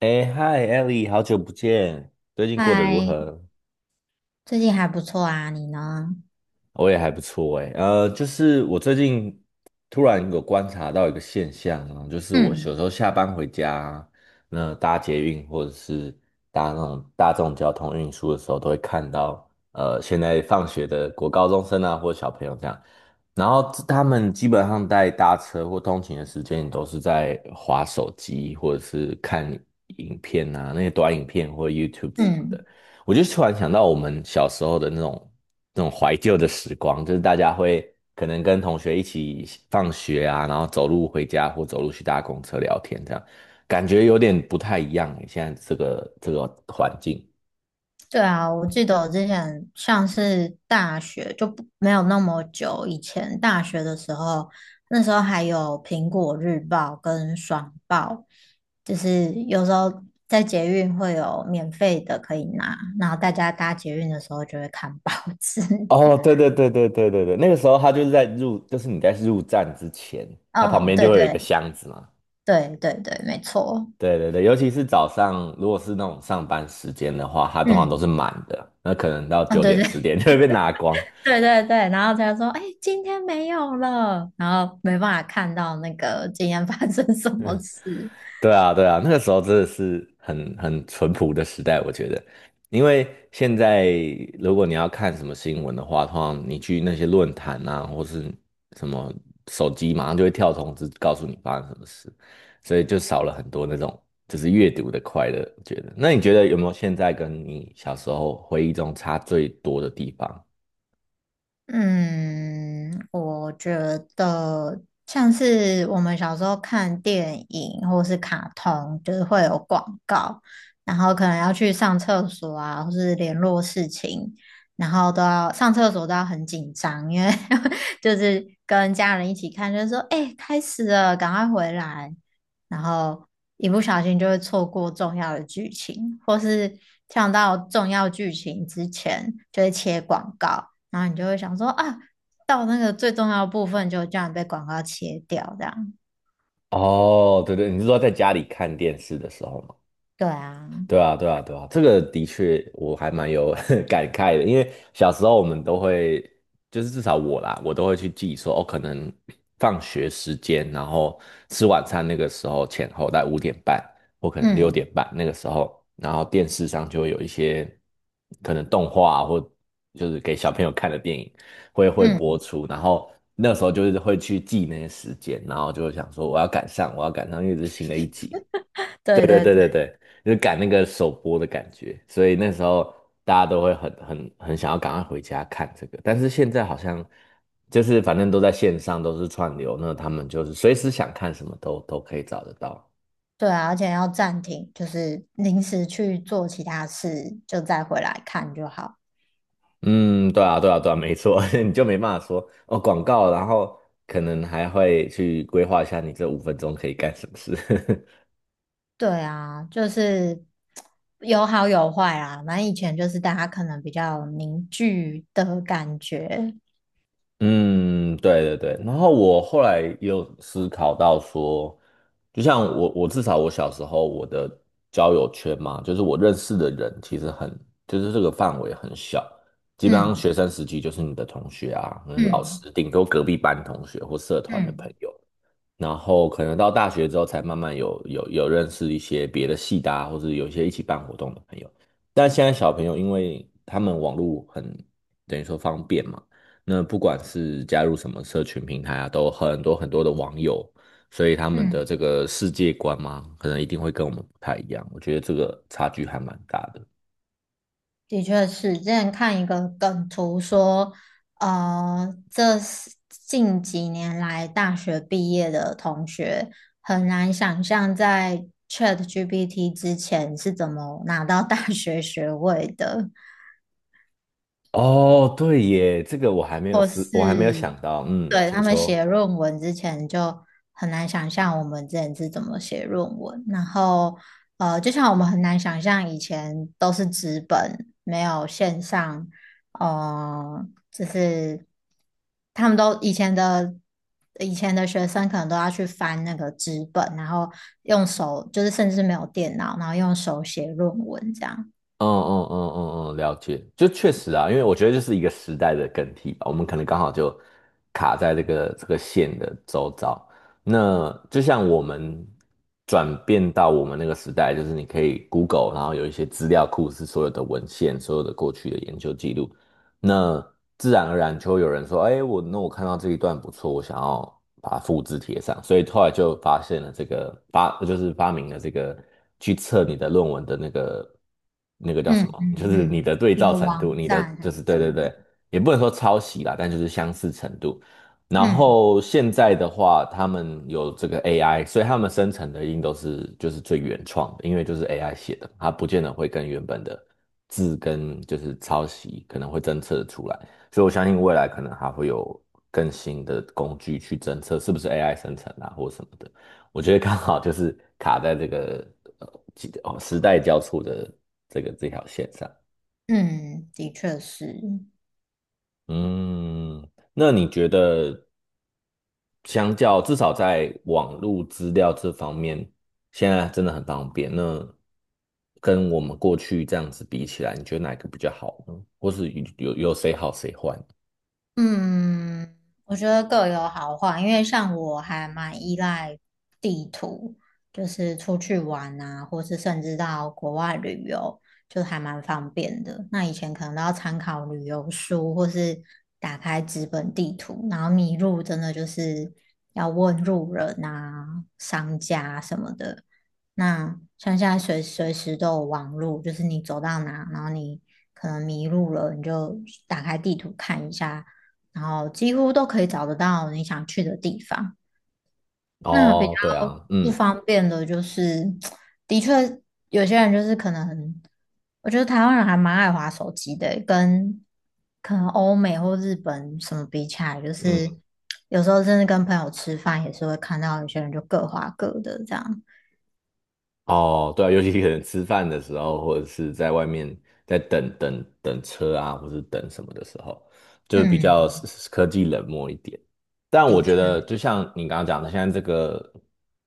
哎，嗨，Ellie，好久不见，最近过得如嗨，何？最近还不错啊，你呢？我也还不错哎，就是我最近突然有观察到一个现象啊，就是我有时嗯候下班回家，那搭捷运或者是那种大众交通运输的时候，都会看到，现在放学的国高中生啊，或小朋友这样，然后他们基本上在搭车或通勤的时间，都是在划手机或者是看影片啊，那些短影片或 YouTube 什么的。嗯，我就突然想到我们小时候的那种怀旧的时光，就是大家会可能跟同学一起放学啊，然后走路回家或走路去搭公车聊天，这样感觉有点不太一样欸，现在这个环境。对啊，我记得我之前像是大学就不没有那么久以前，大学的时候，那时候还有《苹果日报》跟《爽报》，就是有时候在捷运会有免费的可以拿，然后大家搭捷运的时候就会看报纸。哦，对对对对对对对，那个时候他就是在入，就是你在入站之前，他旁哦，边对就会有一个对箱子嘛。对对对，没错。对对对，尤其是早上，如果是那种上班时间的话，它通常都嗯，是满的，那可能到啊，九对点对，十点就会被拿光。对对对，然后他就说："哎，今天没有了。"然后没办法看到那个今天发生什么事。对啊，对啊，那个时候真的是很淳朴的时代，我觉得，因为现在如果你要看什么新闻的话，通常你去那些论坛啊，或是什么手机，马上就会跳通知告诉你发生什么事，所以就少了很多那种就是阅读的快乐。我觉得，那你觉得有没有现在跟你小时候回忆中差最多的地方？嗯，我觉得像是我们小时候看电影或是卡通，就是会有广告，然后可能要去上厕所啊，或是联络事情，然后都要上厕所都要很紧张，因为 就是跟家人一起看，就是说，哎、开始了，赶快回来，然后一不小心就会错过重要的剧情，或是跳到重要剧情之前就会切广告。然后你就会想说啊，到那个最重要的部分就这样被广告切掉，这样。哦，对对，你是说在家里看电视的时候吗？对啊，对啊，对啊，对啊，这个的确我还蛮有 感慨的，因为小时候我们都会，就是至少我啦，我都会去记说，哦，可能放学时间，然后吃晚餐那个时候前后在五点半或可能六点嗯半那个时候，然后电视上就会有一些可能动画啊或就是给小朋友看的电影会播嗯，出，然后那时候就是会去记那些时间，然后就会想说我要赶上，我要赶上，因为这是新的一集。对对对对对对对对，就是赶那个首播的感觉，所以那时候大家都会很想要赶快回家看这个，但是现在好像就是反正都在线上，都是串流，那他们就是随时想看什么都可以找得到。对啊，而且要暂停，就是临时去做其他事，就再回来看就好。嗯，对啊，对啊，对啊，没错，你就没办法说哦广告，然后可能还会去规划一下你这五分钟可以干什么事。对啊，就是 有好有坏啦。反正以前就是大家可能比较凝聚的感觉，嗯，对对对。然后我后来也有思考到说，就像我，我至少我小时候我的交友圈嘛，就是我认识的人其实很，就是这个范围很小，基本上嗯学生时期就是你的同学啊，可能老嗯师，顶多隔壁班同学或社团的朋嗯友。然后可能到大学之后才慢慢有认识一些别的系的啊，或者有一些一起办活动的朋友。但现在小朋友，因为他们网络很，等于说方便嘛，那不管是加入什么社群平台啊，都有很多的网友，所以他嗯。们的这嗯个世界观嘛，可能一定会跟我们不太一样。我觉得这个差距还蛮大的。的确是，之前看一个梗图说，这是近几年来大学毕业的同学很难想象在 ChatGPT 之前是怎么拿到大学学位的。哦，对耶，这个或我还没有是想到。嗯，对他请们说。写论文之前就很难想象我们之前是怎么写论文，然后就像我们很难想象以前都是纸本，没有线上，呃，就是他们都以前的学生可能都要去翻那个纸本，然后用手，就是甚至没有电脑，然后用手写论文这样，嗯，了解，就确实啊，因为我觉得就是一个时代的更替吧，我们可能刚好就卡在这个线的周遭。那就像我们转变到我们那个时代，就是你可以 Google，然后有一些资料库是所有的文献、所有的过去的研究记录，那自然而然就会有人说，哎，我看到这一段不错，我想要把它复制贴上，所以后来就发现了这个发，就是发明了这个去测你的论文的那个叫嗯什么，嗯就是你嗯，的对一照个程度，网你的站就还是是对怎对么的，对，也不能说抄袭啦，但就是相似程度。然嗯。后现在的话，他们有这个 AI，所以他们生成的音都是就是最原创的，因为就是 AI 写的，它不见得会跟原本的字跟就是抄袭可能会侦测出来，所以我相信未来可能还会有更新的工具去侦测是不是 AI 生成啊或什么的。我觉得刚好就是卡在这个呃几哦时代交错的这条线上。嗯，的确是。嗯，那你觉得相较至少在网络资料这方面，现在真的很方便。那跟我们过去这样子比起来，你觉得哪一个比较好呢？或是有谁好谁坏？嗯，我觉得各有好坏，因为像我还蛮依赖地图，就是出去玩啊，或是甚至到国外旅游，就还蛮方便的。那以前可能都要参考旅游书，或是打开纸本地图，然后迷路真的就是要问路人啊、商家什么的。那像现在随时都有网路，就是你走到哪，然后你可能迷路了，你就打开地图看一下。然后几乎都可以找得到你想去的地方。那比较哦，对啊，不嗯方便的就是，的确有些人就是可能，我觉得台湾人还蛮爱滑手机的，跟可能欧美或日本什么比起来，就嗯。是有时候甚至跟朋友吃饭也是会看到有些人就各滑各的这样。哦，对啊，尤其可能吃饭的时候，或者是在外面在等车啊，或是等什么的时候，就比嗯，较科技冷漠一点。但的我觉得，确，就像你刚刚讲的，现在这个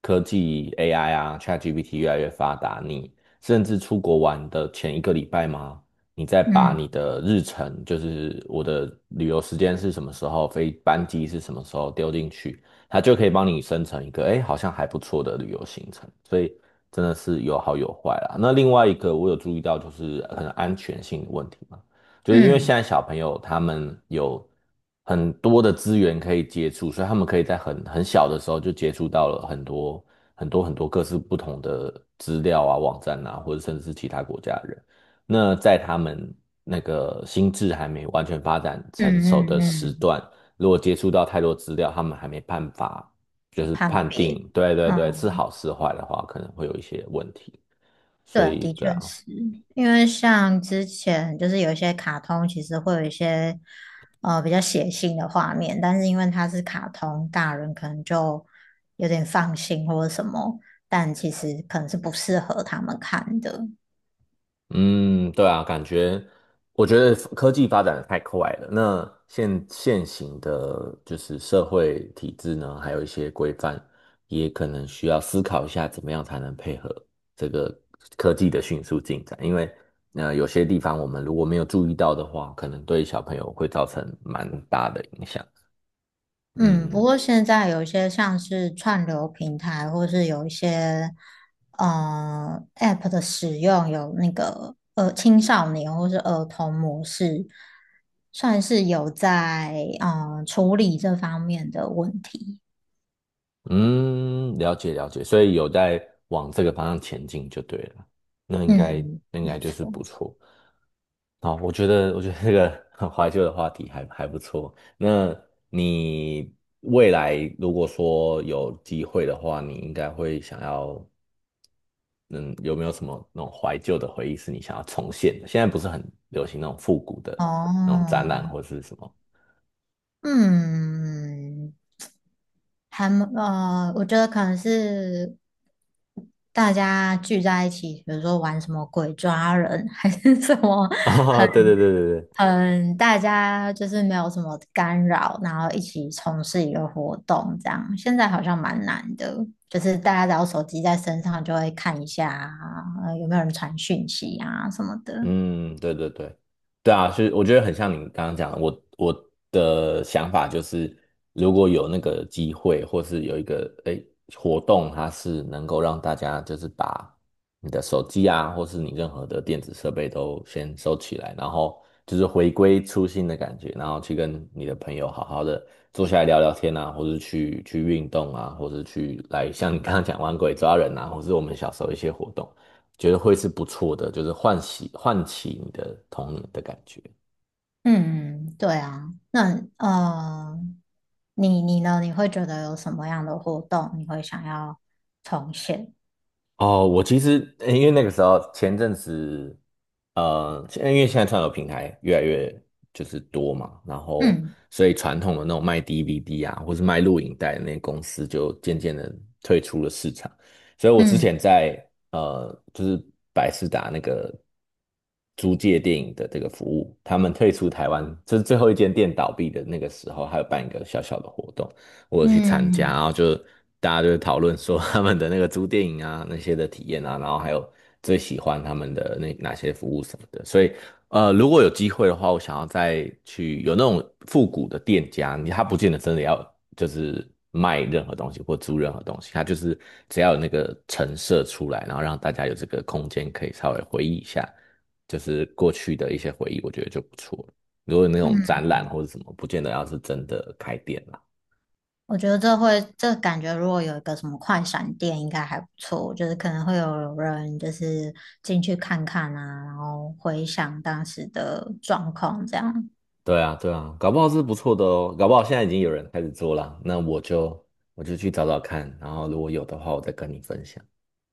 科技 AI 啊，ChatGPT 越来越发达，你甚至出国玩的前一个礼拜吗？你再把嗯你的日程，就是我的旅游时间是什么时候，飞班机是什么时候丢进去，它就可以帮你生成一个，哎，好像还不错的旅游行程。所以真的是有好有坏啦。那另外一个我有注意到就是可能安全性的问题嘛，就是因为嗯现在小朋友他们有很多的资源可以接触，所以他们可以在很小的时候就接触到了很多各式不同的资料啊、网站啊，或者甚至是其他国家的人。那在他们那个心智还没完全发展成嗯熟嗯的嗯，时嗯段，如果接触到太多资料，他们还没办法就是判判别，定，对对对，是嗯。好是坏的话，可能会有一些问题。所对，以，的对确啊，是因为像之前就是有一些卡通，其实会有一些比较血腥的画面，但是因为它是卡通，大人可能就有点放心或者什么，但其实可能是不适合他们看的。嗯，对啊，感觉我觉得科技发展得太快了。那现行的就是社会体制呢，还有一些规范，也可能需要思考一下，怎么样才能配合这个科技的迅速进展。因为，那有些地方我们如果没有注意到的话，可能对小朋友会造成蛮大的影响。嗯，不嗯，过现在有一些像是串流平台，或是有一些App 的使用，有那个青少年或是儿童模式，算是有在处理这方面的问题。嗯，了解了解，所以有在往这个方向前进就对了，那应该嗯，那应该没就是错。不错。好，我觉得这个很怀旧的话题还还不错。那你未来如果说有机会的话，你应该会想要，嗯，有没有什么那种怀旧的回忆是你想要重现的？现在不是很流行那种复古的那种展哦，览或是什么？嗯，还蛮我觉得可能是大家聚在一起，比如说玩什么鬼抓人，还是什么。很。哦，对对对对对，嗯，大家就是没有什么干扰，然后一起从事一个活动，这样现在好像蛮难的，就是大家只要手机在身上就会看一下啊，有没有人传讯息啊什么的。嗯，对对对，对啊，是我觉得很像你刚刚讲的，我的想法就是，如果有那个机会，或是有一个诶活动，它是能够让大家就是把你的手机啊，或是你任何的电子设备都先收起来，然后就是回归初心的感觉，然后去跟你的朋友好好的坐下来聊聊天啊，或是去运动啊，或是去来像你刚刚讲玩鬼抓人啊，或是我们小时候一些活动。觉得会是不错的，就是唤起你的童年的感觉。嗯，对啊，那你呢？你会觉得有什么样的活动你会想要重现？哦，我其实因为那个时候前阵子，因为现在串流平台越来越就是多嘛，然后嗯所以传统的那种卖 DVD 啊，或是卖录影带的那些公司就渐渐的退出了市场。所以我之嗯前在就是百视达那个租借电影的这个服务，他们退出台湾，就是最后一间店倒闭的那个时候，还有办一个小小的活动。我有去参加，嗯然后就大家就会讨论说 他们的那个租电影啊那些的体验啊，然后还有最喜欢他们的哪些服务什么的。所以如果有机会的话，我想要再去有那种复古的店家，他不见得真的要就是卖任何东西或租任何东西，他就是只要有那个陈设出来，然后让大家有这个空间可以稍微回忆一下，就是过去的一些回忆，我觉得就不错了，如果有那种展览或者什么，不见得要是真的开店啦。我觉得这会，这感觉如果有一个什么快闪店，应该还不错。就是可能会有人就是进去看看啊，然后回想当时的状况这样。对啊，对啊，搞不好是不错的哦，搞不好现在已经有人开始做了，那我就去找找看，然后如果有的话，我再跟你分享。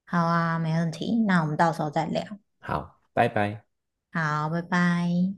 好啊，没问题。那我们到时候再聊。好，拜拜。好，拜拜。